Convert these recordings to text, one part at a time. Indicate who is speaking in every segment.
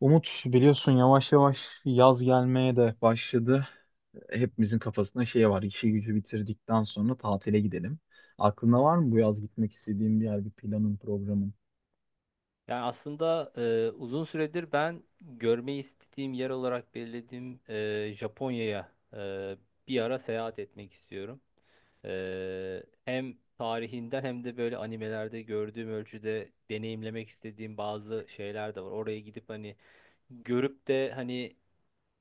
Speaker 1: Umut biliyorsun yavaş yavaş yaz gelmeye de başladı. Hepimizin kafasında şey var. İşi gücü bitirdikten sonra tatile gidelim. Aklında var mı bu yaz gitmek istediğin bir yer, bir planın, programın?
Speaker 2: Yani aslında uzun süredir ben görmeyi istediğim yer olarak belirlediğim Japonya'ya bir ara seyahat etmek istiyorum. Hem tarihinden hem de böyle animelerde gördüğüm ölçüde deneyimlemek istediğim bazı şeyler de var. Oraya gidip hani görüp de hani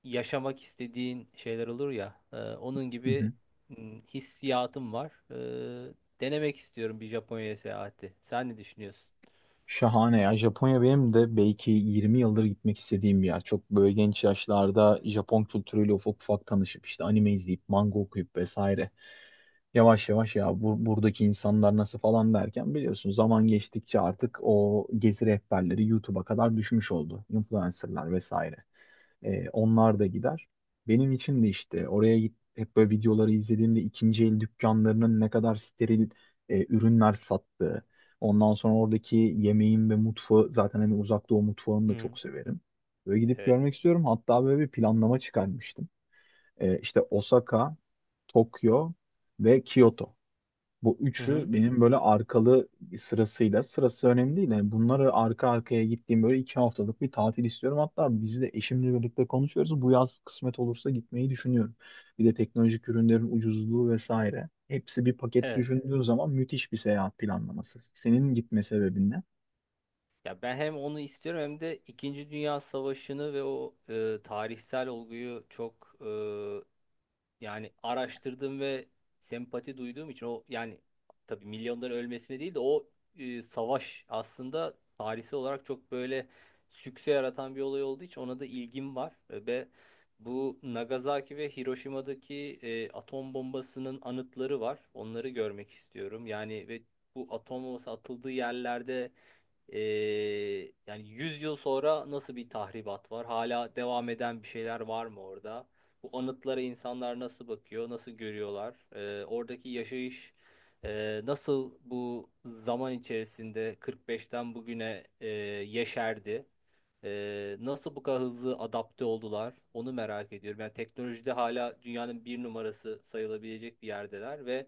Speaker 2: yaşamak istediğin şeyler olur ya. Onun
Speaker 1: Hı
Speaker 2: gibi
Speaker 1: hı.
Speaker 2: hissiyatım var. E, Denemek istiyorum bir Japonya'ya seyahati. Sen ne düşünüyorsun?
Speaker 1: Şahane ya. Japonya benim de belki 20 yıldır gitmek istediğim bir yer. Çok böyle genç yaşlarda Japon kültürüyle ufak ufak tanışıp işte anime izleyip, manga okuyup vesaire. Yavaş yavaş ya buradaki insanlar nasıl falan derken biliyorsun zaman geçtikçe artık o gezi rehberleri YouTube'a kadar düşmüş oldu. Influencerlar vesaire. Onlar da gider. Benim için de işte oraya git, hep böyle videoları izlediğimde ikinci el dükkanlarının ne kadar steril ürünler sattığı. Ondan sonra oradaki yemeğin ve mutfağı, zaten hani uzak doğu mutfağını da
Speaker 2: Hı.
Speaker 1: çok severim. Böyle gidip
Speaker 2: Evet.
Speaker 1: görmek istiyorum. Hatta böyle bir planlama çıkarmıştım. İşte Osaka, Tokyo ve Kyoto. Bu
Speaker 2: Hı
Speaker 1: üçü
Speaker 2: hı.
Speaker 1: benim böyle arkalı sırasıyla, sırası önemli değil. Yani bunları arka arkaya gittiğim böyle 2 haftalık bir tatil istiyorum. Hatta biz de eşimle birlikte konuşuyoruz. Bu yaz kısmet olursa gitmeyi düşünüyorum. Bir de teknolojik ürünlerin ucuzluğu vesaire. Hepsi bir paket
Speaker 2: Evet.
Speaker 1: düşündüğün zaman müthiş bir seyahat planlaması. Senin gitme sebebin ne?
Speaker 2: Ya ben hem onu istiyorum hem de İkinci Dünya Savaşı'nı ve o tarihsel olguyu çok yani araştırdım ve sempati duyduğum için o, yani tabii milyonların ölmesine değil de o savaş aslında tarihsel olarak çok böyle sükse yaratan bir olay olduğu için ona da ilgim var. Ve bu Nagasaki ve Hiroşima'daki atom bombasının anıtları var. Onları görmek istiyorum. Yani ve bu atom bombası atıldığı yerlerde e, yani 100 yıl sonra nasıl bir tahribat var? Hala devam eden bir şeyler var mı orada? Bu anıtlara insanlar nasıl bakıyor, nasıl görüyorlar? Oradaki yaşayış nasıl bu zaman içerisinde 45'ten bugüne yeşerdi? Nasıl bu kadar hızlı adapte oldular? Onu merak ediyorum. Yani teknolojide hala dünyanın bir numarası sayılabilecek bir yerdeler ve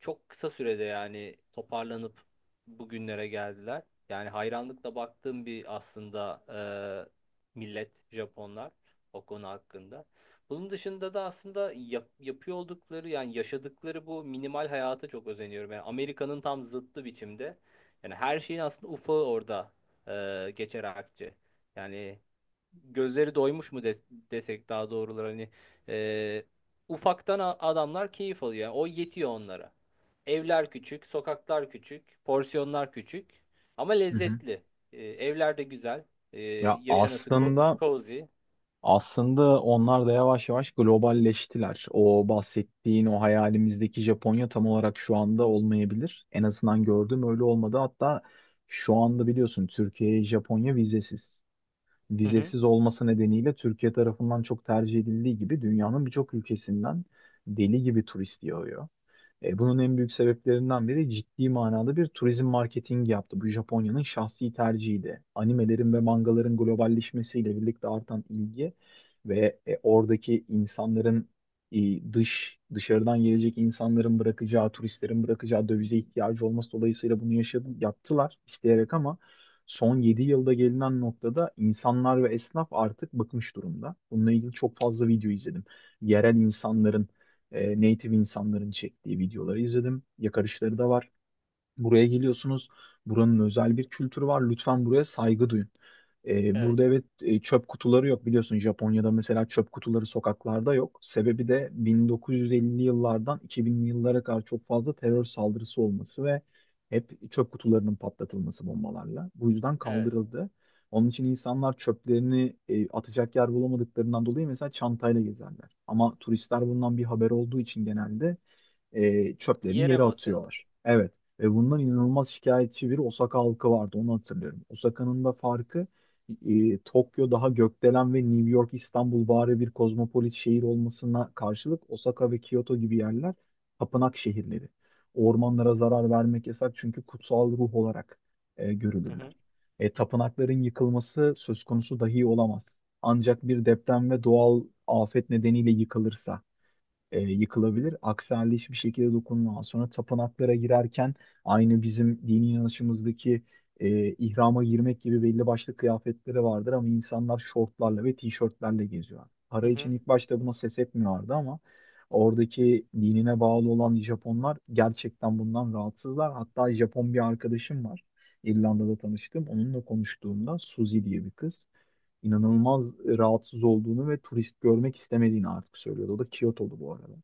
Speaker 2: çok kısa sürede yani toparlanıp bugünlere geldiler. Yani hayranlıkla baktığım bir aslında millet Japonlar o konu hakkında. Bunun dışında da aslında yapıyor oldukları yani yaşadıkları bu minimal hayata çok özeniyorum. Yani Amerika'nın tam zıttı biçimde. Yani her şeyin aslında ufağı orada geçer akçe. Yani gözleri doymuş mu, desek daha doğruları hani e, ufaktan adamlar keyif alıyor. Yani o yetiyor onlara. Evler küçük, sokaklar küçük, porsiyonlar küçük ama
Speaker 1: Hı hı.
Speaker 2: lezzetli. Evler de güzel. Ee,
Speaker 1: Ya
Speaker 2: yaşanası
Speaker 1: aslında
Speaker 2: cozy.
Speaker 1: Aslında onlar da yavaş yavaş globalleştiler. O bahsettiğin o hayalimizdeki Japonya tam olarak şu anda olmayabilir. En azından gördüğüm öyle olmadı. Hatta şu anda biliyorsun Türkiye'ye Japonya vizesiz.
Speaker 2: Hı hı.
Speaker 1: Vizesiz olması nedeniyle Türkiye tarafından çok tercih edildiği gibi dünyanın birçok ülkesinden deli gibi turist yağıyor. Bunun en büyük sebeplerinden biri, ciddi manada bir turizm marketingi yaptı. Bu Japonya'nın şahsi tercihiydi. Animelerin ve mangaların globalleşmesiyle birlikte artan ilgi ve oradaki insanların dışarıdan gelecek insanların bırakacağı, turistlerin bırakacağı dövize ihtiyacı olması dolayısıyla bunu yaşadı, yaptılar isteyerek ama son 7 yılda gelinen noktada insanlar ve esnaf artık bıkmış durumda. Bununla ilgili çok fazla video izledim. Yerel insanların, native insanların çektiği videoları izledim. Yakarışları da var. Buraya geliyorsunuz. Buranın özel bir kültürü var. Lütfen buraya saygı duyun.
Speaker 2: Evet,
Speaker 1: Burada evet, çöp kutuları yok, biliyorsun Japonya'da mesela çöp kutuları sokaklarda yok. Sebebi de 1950'li yıllardan 2000'li yıllara kadar çok fazla terör saldırısı olması ve hep çöp kutularının patlatılması bombalarla. Bu yüzden
Speaker 2: evet.
Speaker 1: kaldırıldı. Onun için insanlar çöplerini atacak yer bulamadıklarından dolayı mesela çantayla gezerler. Ama turistler bundan bir haber olduğu için genelde çöplerini
Speaker 2: Yere
Speaker 1: yere
Speaker 2: mi atıyorlar?
Speaker 1: atıyorlar. Evet. Ve bundan inanılmaz şikayetçi bir Osaka halkı vardı. Onu hatırlıyorum. Osaka'nın da farkı, Tokyo daha gökdelen ve New York, İstanbul bari bir kozmopolit şehir olmasına karşılık Osaka ve Kyoto gibi yerler tapınak şehirleri. Ormanlara zarar vermek yasak, çünkü kutsal ruh olarak
Speaker 2: Hı hı.
Speaker 1: görülürler. Tapınakların yıkılması söz konusu dahi olamaz. Ancak bir deprem ve doğal afet nedeniyle yıkılırsa yıkılabilir. Aksi halde hiçbir şekilde dokunulmaz. Sonra tapınaklara girerken aynı bizim dini inanışımızdaki ihrama girmek gibi belli başlı kıyafetleri vardır, ama insanlar şortlarla ve tişörtlerle geziyor.
Speaker 2: Hı
Speaker 1: Para için
Speaker 2: hı.
Speaker 1: ilk başta buna ses etmiyorlardı ama oradaki dinine bağlı olan Japonlar gerçekten bundan rahatsızlar. Hatta Japon bir arkadaşım var. İrlanda'da tanıştım. Onunla konuştuğumda, Suzy diye bir kız, inanılmaz rahatsız olduğunu ve turist görmek istemediğini artık söylüyordu. O da Kyoto'lu bu arada.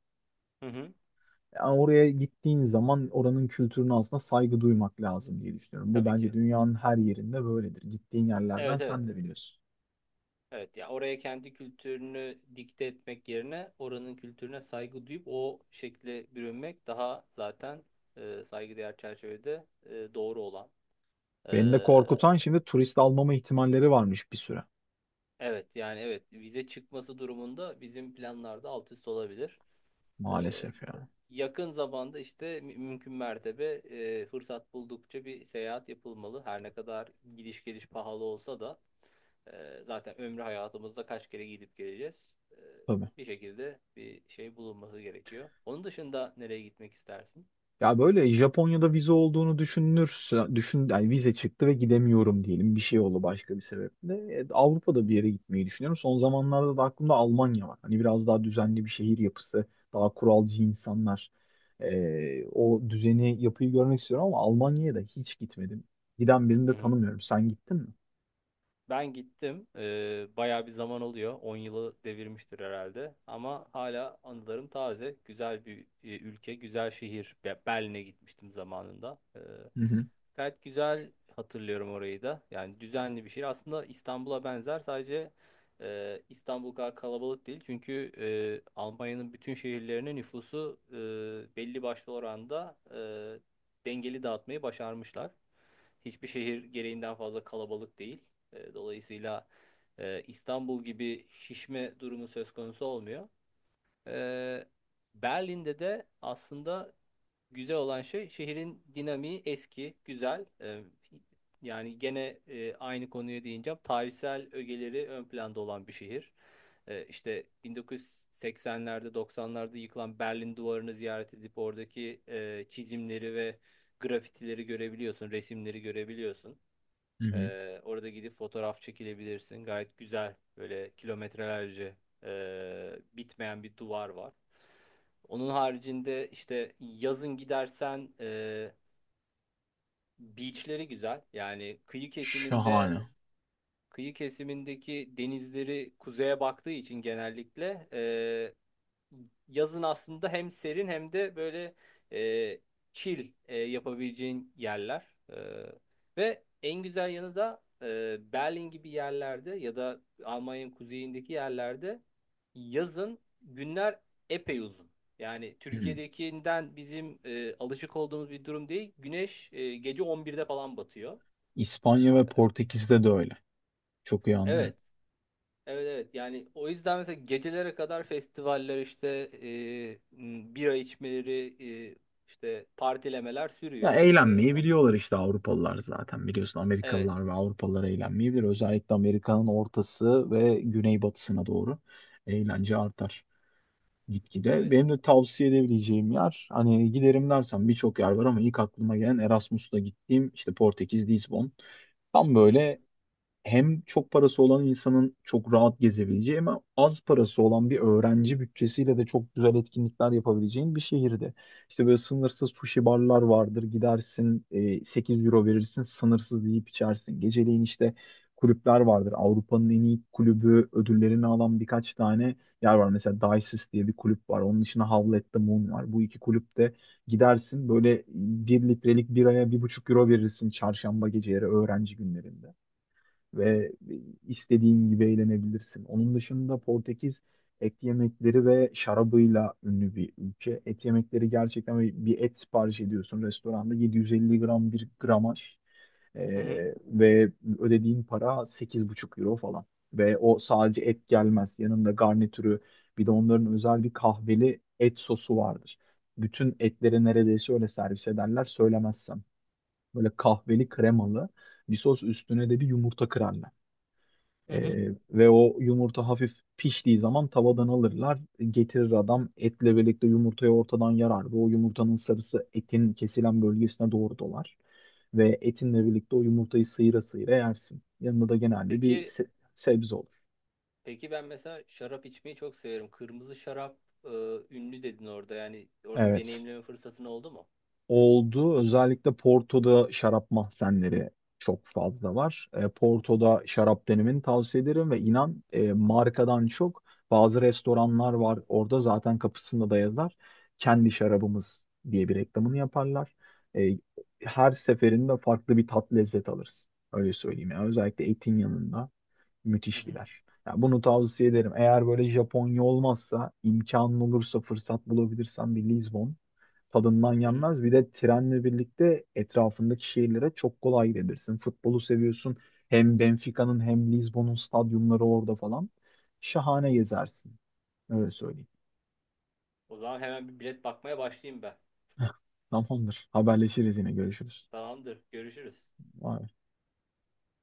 Speaker 2: Hı hı.
Speaker 1: Yani oraya gittiğin zaman oranın kültürüne aslında saygı duymak lazım diye düşünüyorum. Bu
Speaker 2: Tabii
Speaker 1: bence
Speaker 2: ki.
Speaker 1: dünyanın her yerinde böyledir. Gittiğin yerlerden
Speaker 2: Evet, evet.
Speaker 1: sen de biliyorsun.
Speaker 2: Evet, ya oraya kendi kültürünü dikte etmek yerine oranın kültürüne saygı duyup o şekle bürünmek daha zaten saygıdeğer çerçevede doğru olan. e,
Speaker 1: Beni de korkutan, şimdi turist almama ihtimalleri varmış bir süre.
Speaker 2: Evet, yani evet, vize çıkması durumunda bizim planlarda alt üst olabilir. Ee,
Speaker 1: Maalesef yani.
Speaker 2: Yakın zamanda işte mümkün mertebe fırsat buldukça bir seyahat yapılmalı. Her ne kadar gidiş geliş pahalı olsa da zaten ömrü hayatımızda kaç kere gidip geleceğiz.
Speaker 1: Tabii.
Speaker 2: Bir şekilde bir şey bulunması gerekiyor. Onun dışında nereye gitmek istersin?
Speaker 1: Ya böyle Japonya'da vize olduğunu düşünürse düşün, yani vize çıktı ve gidemiyorum diyelim, bir şey oldu başka bir sebeple. Avrupa'da bir yere gitmeyi düşünüyorum. Son zamanlarda da aklımda Almanya var. Hani biraz daha düzenli bir şehir yapısı, daha kuralcı insanlar. O düzeni, yapıyı görmek istiyorum ama Almanya'ya da hiç gitmedim. Giden birini de tanımıyorum. Sen gittin mi?
Speaker 2: Ben gittim. Bayağı bir zaman oluyor. On yılı devirmiştir herhalde. Ama hala anılarım taze. Güzel bir ülke, güzel şehir. Berlin'e gitmiştim zamanında.
Speaker 1: Hı hı,
Speaker 2: Gayet güzel hatırlıyorum orayı da. Yani düzenli bir şehir. Aslında İstanbul'a benzer. Sadece İstanbul kadar kalabalık değil. Çünkü Almanya'nın bütün şehirlerine nüfusu belli başlı oranda dengeli dağıtmayı başarmışlar. Hiçbir şehir gereğinden fazla kalabalık değil. Dolayısıyla İstanbul gibi şişme durumu söz konusu olmuyor. E, Berlin'de de aslında güzel olan şey şehrin dinamiği eski, güzel. Yani gene aynı konuya değineceğim. Tarihsel ögeleri ön planda olan bir şehir. İşte 1980'lerde 90'larda yıkılan Berlin duvarını ziyaret edip oradaki çizimleri ve grafitileri görebiliyorsun, resimleri görebiliyorsun.
Speaker 1: hı hı.
Speaker 2: Orada gidip fotoğraf çekilebilirsin. Gayet güzel böyle kilometrelerce bitmeyen bir duvar var. Onun haricinde işte yazın gidersen beachleri güzel. Yani
Speaker 1: Şahane.
Speaker 2: kıyı kesimindeki denizleri kuzeye baktığı için genellikle yazın aslında hem serin hem de böyle e, chill yapabileceğin yerler. E, Ve en güzel yanı da Berlin gibi yerlerde ya da Almanya'nın kuzeyindeki yerlerde yazın günler epey uzun. Yani
Speaker 1: Hı.
Speaker 2: Türkiye'dekinden bizim alışık olduğumuz bir durum değil. Güneş gece 11'de falan batıyor.
Speaker 1: İspanya ve Portekiz'de de öyle. Çok iyi anlıyorum.
Speaker 2: Evet, evet, evet, yani o yüzden mesela gecelere kadar festivaller işte bira içmeleri e, işte partilemeler
Speaker 1: Ya
Speaker 2: sürüyor.
Speaker 1: eğlenmeyi biliyorlar işte Avrupalılar, zaten biliyorsun
Speaker 2: Evet,
Speaker 1: Amerikalılar ve Avrupalılar eğlenmeyi bilir. Özellikle Amerika'nın ortası ve güneybatısına doğru eğlence artar gitgide.
Speaker 2: evet.
Speaker 1: Benim de tavsiye edebileceğim yer, hani giderim dersen birçok yer var ama ilk aklıma gelen Erasmus'ta gittiğim işte Portekiz, Lizbon. Tam
Speaker 2: Hı hı.
Speaker 1: böyle hem çok parası olan insanın çok rahat gezebileceği ama az parası olan bir öğrenci bütçesiyle de çok güzel etkinlikler yapabileceğin bir şehirde. İşte böyle sınırsız sushi barlar vardır. Gidersin, 8 euro verirsin, sınırsız yiyip içersin. Geceleyin işte kulüpler vardır. Avrupa'nın en iyi kulübü ödüllerini alan birkaç tane yer var. Mesela Dices diye bir kulüp var. Onun dışında Howl at the Moon var. Bu iki kulüpte gidersin, böyle 1 litrelik biraya 1,5 euro verirsin çarşamba geceleri, öğrenci günlerinde, ve istediğin gibi eğlenebilirsin. Onun dışında Portekiz et yemekleri ve şarabıyla ünlü bir ülke. Et yemekleri gerçekten, bir et sipariş ediyorsun restoranda, 750 gram bir gramaj.
Speaker 2: Hı hı.
Speaker 1: Ve ödediğin para 8,5 euro falan. Ve o sadece et gelmez. Yanında garnitürü, bir de onların özel bir kahveli et sosu vardır. Bütün etleri neredeyse öyle servis ederler söylemezsem. Böyle kahveli kremalı bir sos, üstüne de bir yumurta kırarlar.
Speaker 2: Hı hı.
Speaker 1: Ve o yumurta hafif piştiği zaman tavadan alırlar. Getirir adam etle birlikte, yumurtayı ortadan yarar ve o yumurtanın sarısı etin kesilen bölgesine doğru dolar. Ve etinle birlikte o yumurtayı sıyıra sıyıra yersin. Yanında da genelde bir
Speaker 2: Peki,
Speaker 1: sebze olur.
Speaker 2: peki ben mesela şarap içmeyi çok severim. Kırmızı şarap e, ünlü dedin orada, yani orada
Speaker 1: Evet.
Speaker 2: deneyimleme fırsatın oldu mu?
Speaker 1: Oldu. Özellikle Porto'da şarap mahzenleri çok fazla var. Porto'da şarap denemeni tavsiye ederim ve inan markadan çok bazı restoranlar var. Orada zaten kapısında da yazar. Kendi şarabımız diye bir reklamını yaparlar. E, Her seferinde farklı bir tat, lezzet alırız. Öyle söyleyeyim. Yani özellikle etin yanında.
Speaker 2: Hı
Speaker 1: Müthiş
Speaker 2: hı.
Speaker 1: gider. Ya bunu tavsiye ederim. Eğer böyle Japonya olmazsa, imkanın olursa, fırsat bulabilirsen bir Lizbon, tadından
Speaker 2: Hı hı.
Speaker 1: yenmez. Bir de trenle birlikte etrafındaki şehirlere çok kolay gidebilirsin. Futbolu seviyorsun. Hem Benfica'nın hem Lizbon'un stadyumları orada falan. Şahane gezersin. Öyle söyleyeyim.
Speaker 2: O zaman hemen bir bilet bakmaya başlayayım ben.
Speaker 1: Tamamdır. Haberleşiriz yine. Görüşürüz.
Speaker 2: Tamamdır. Görüşürüz.
Speaker 1: Vay.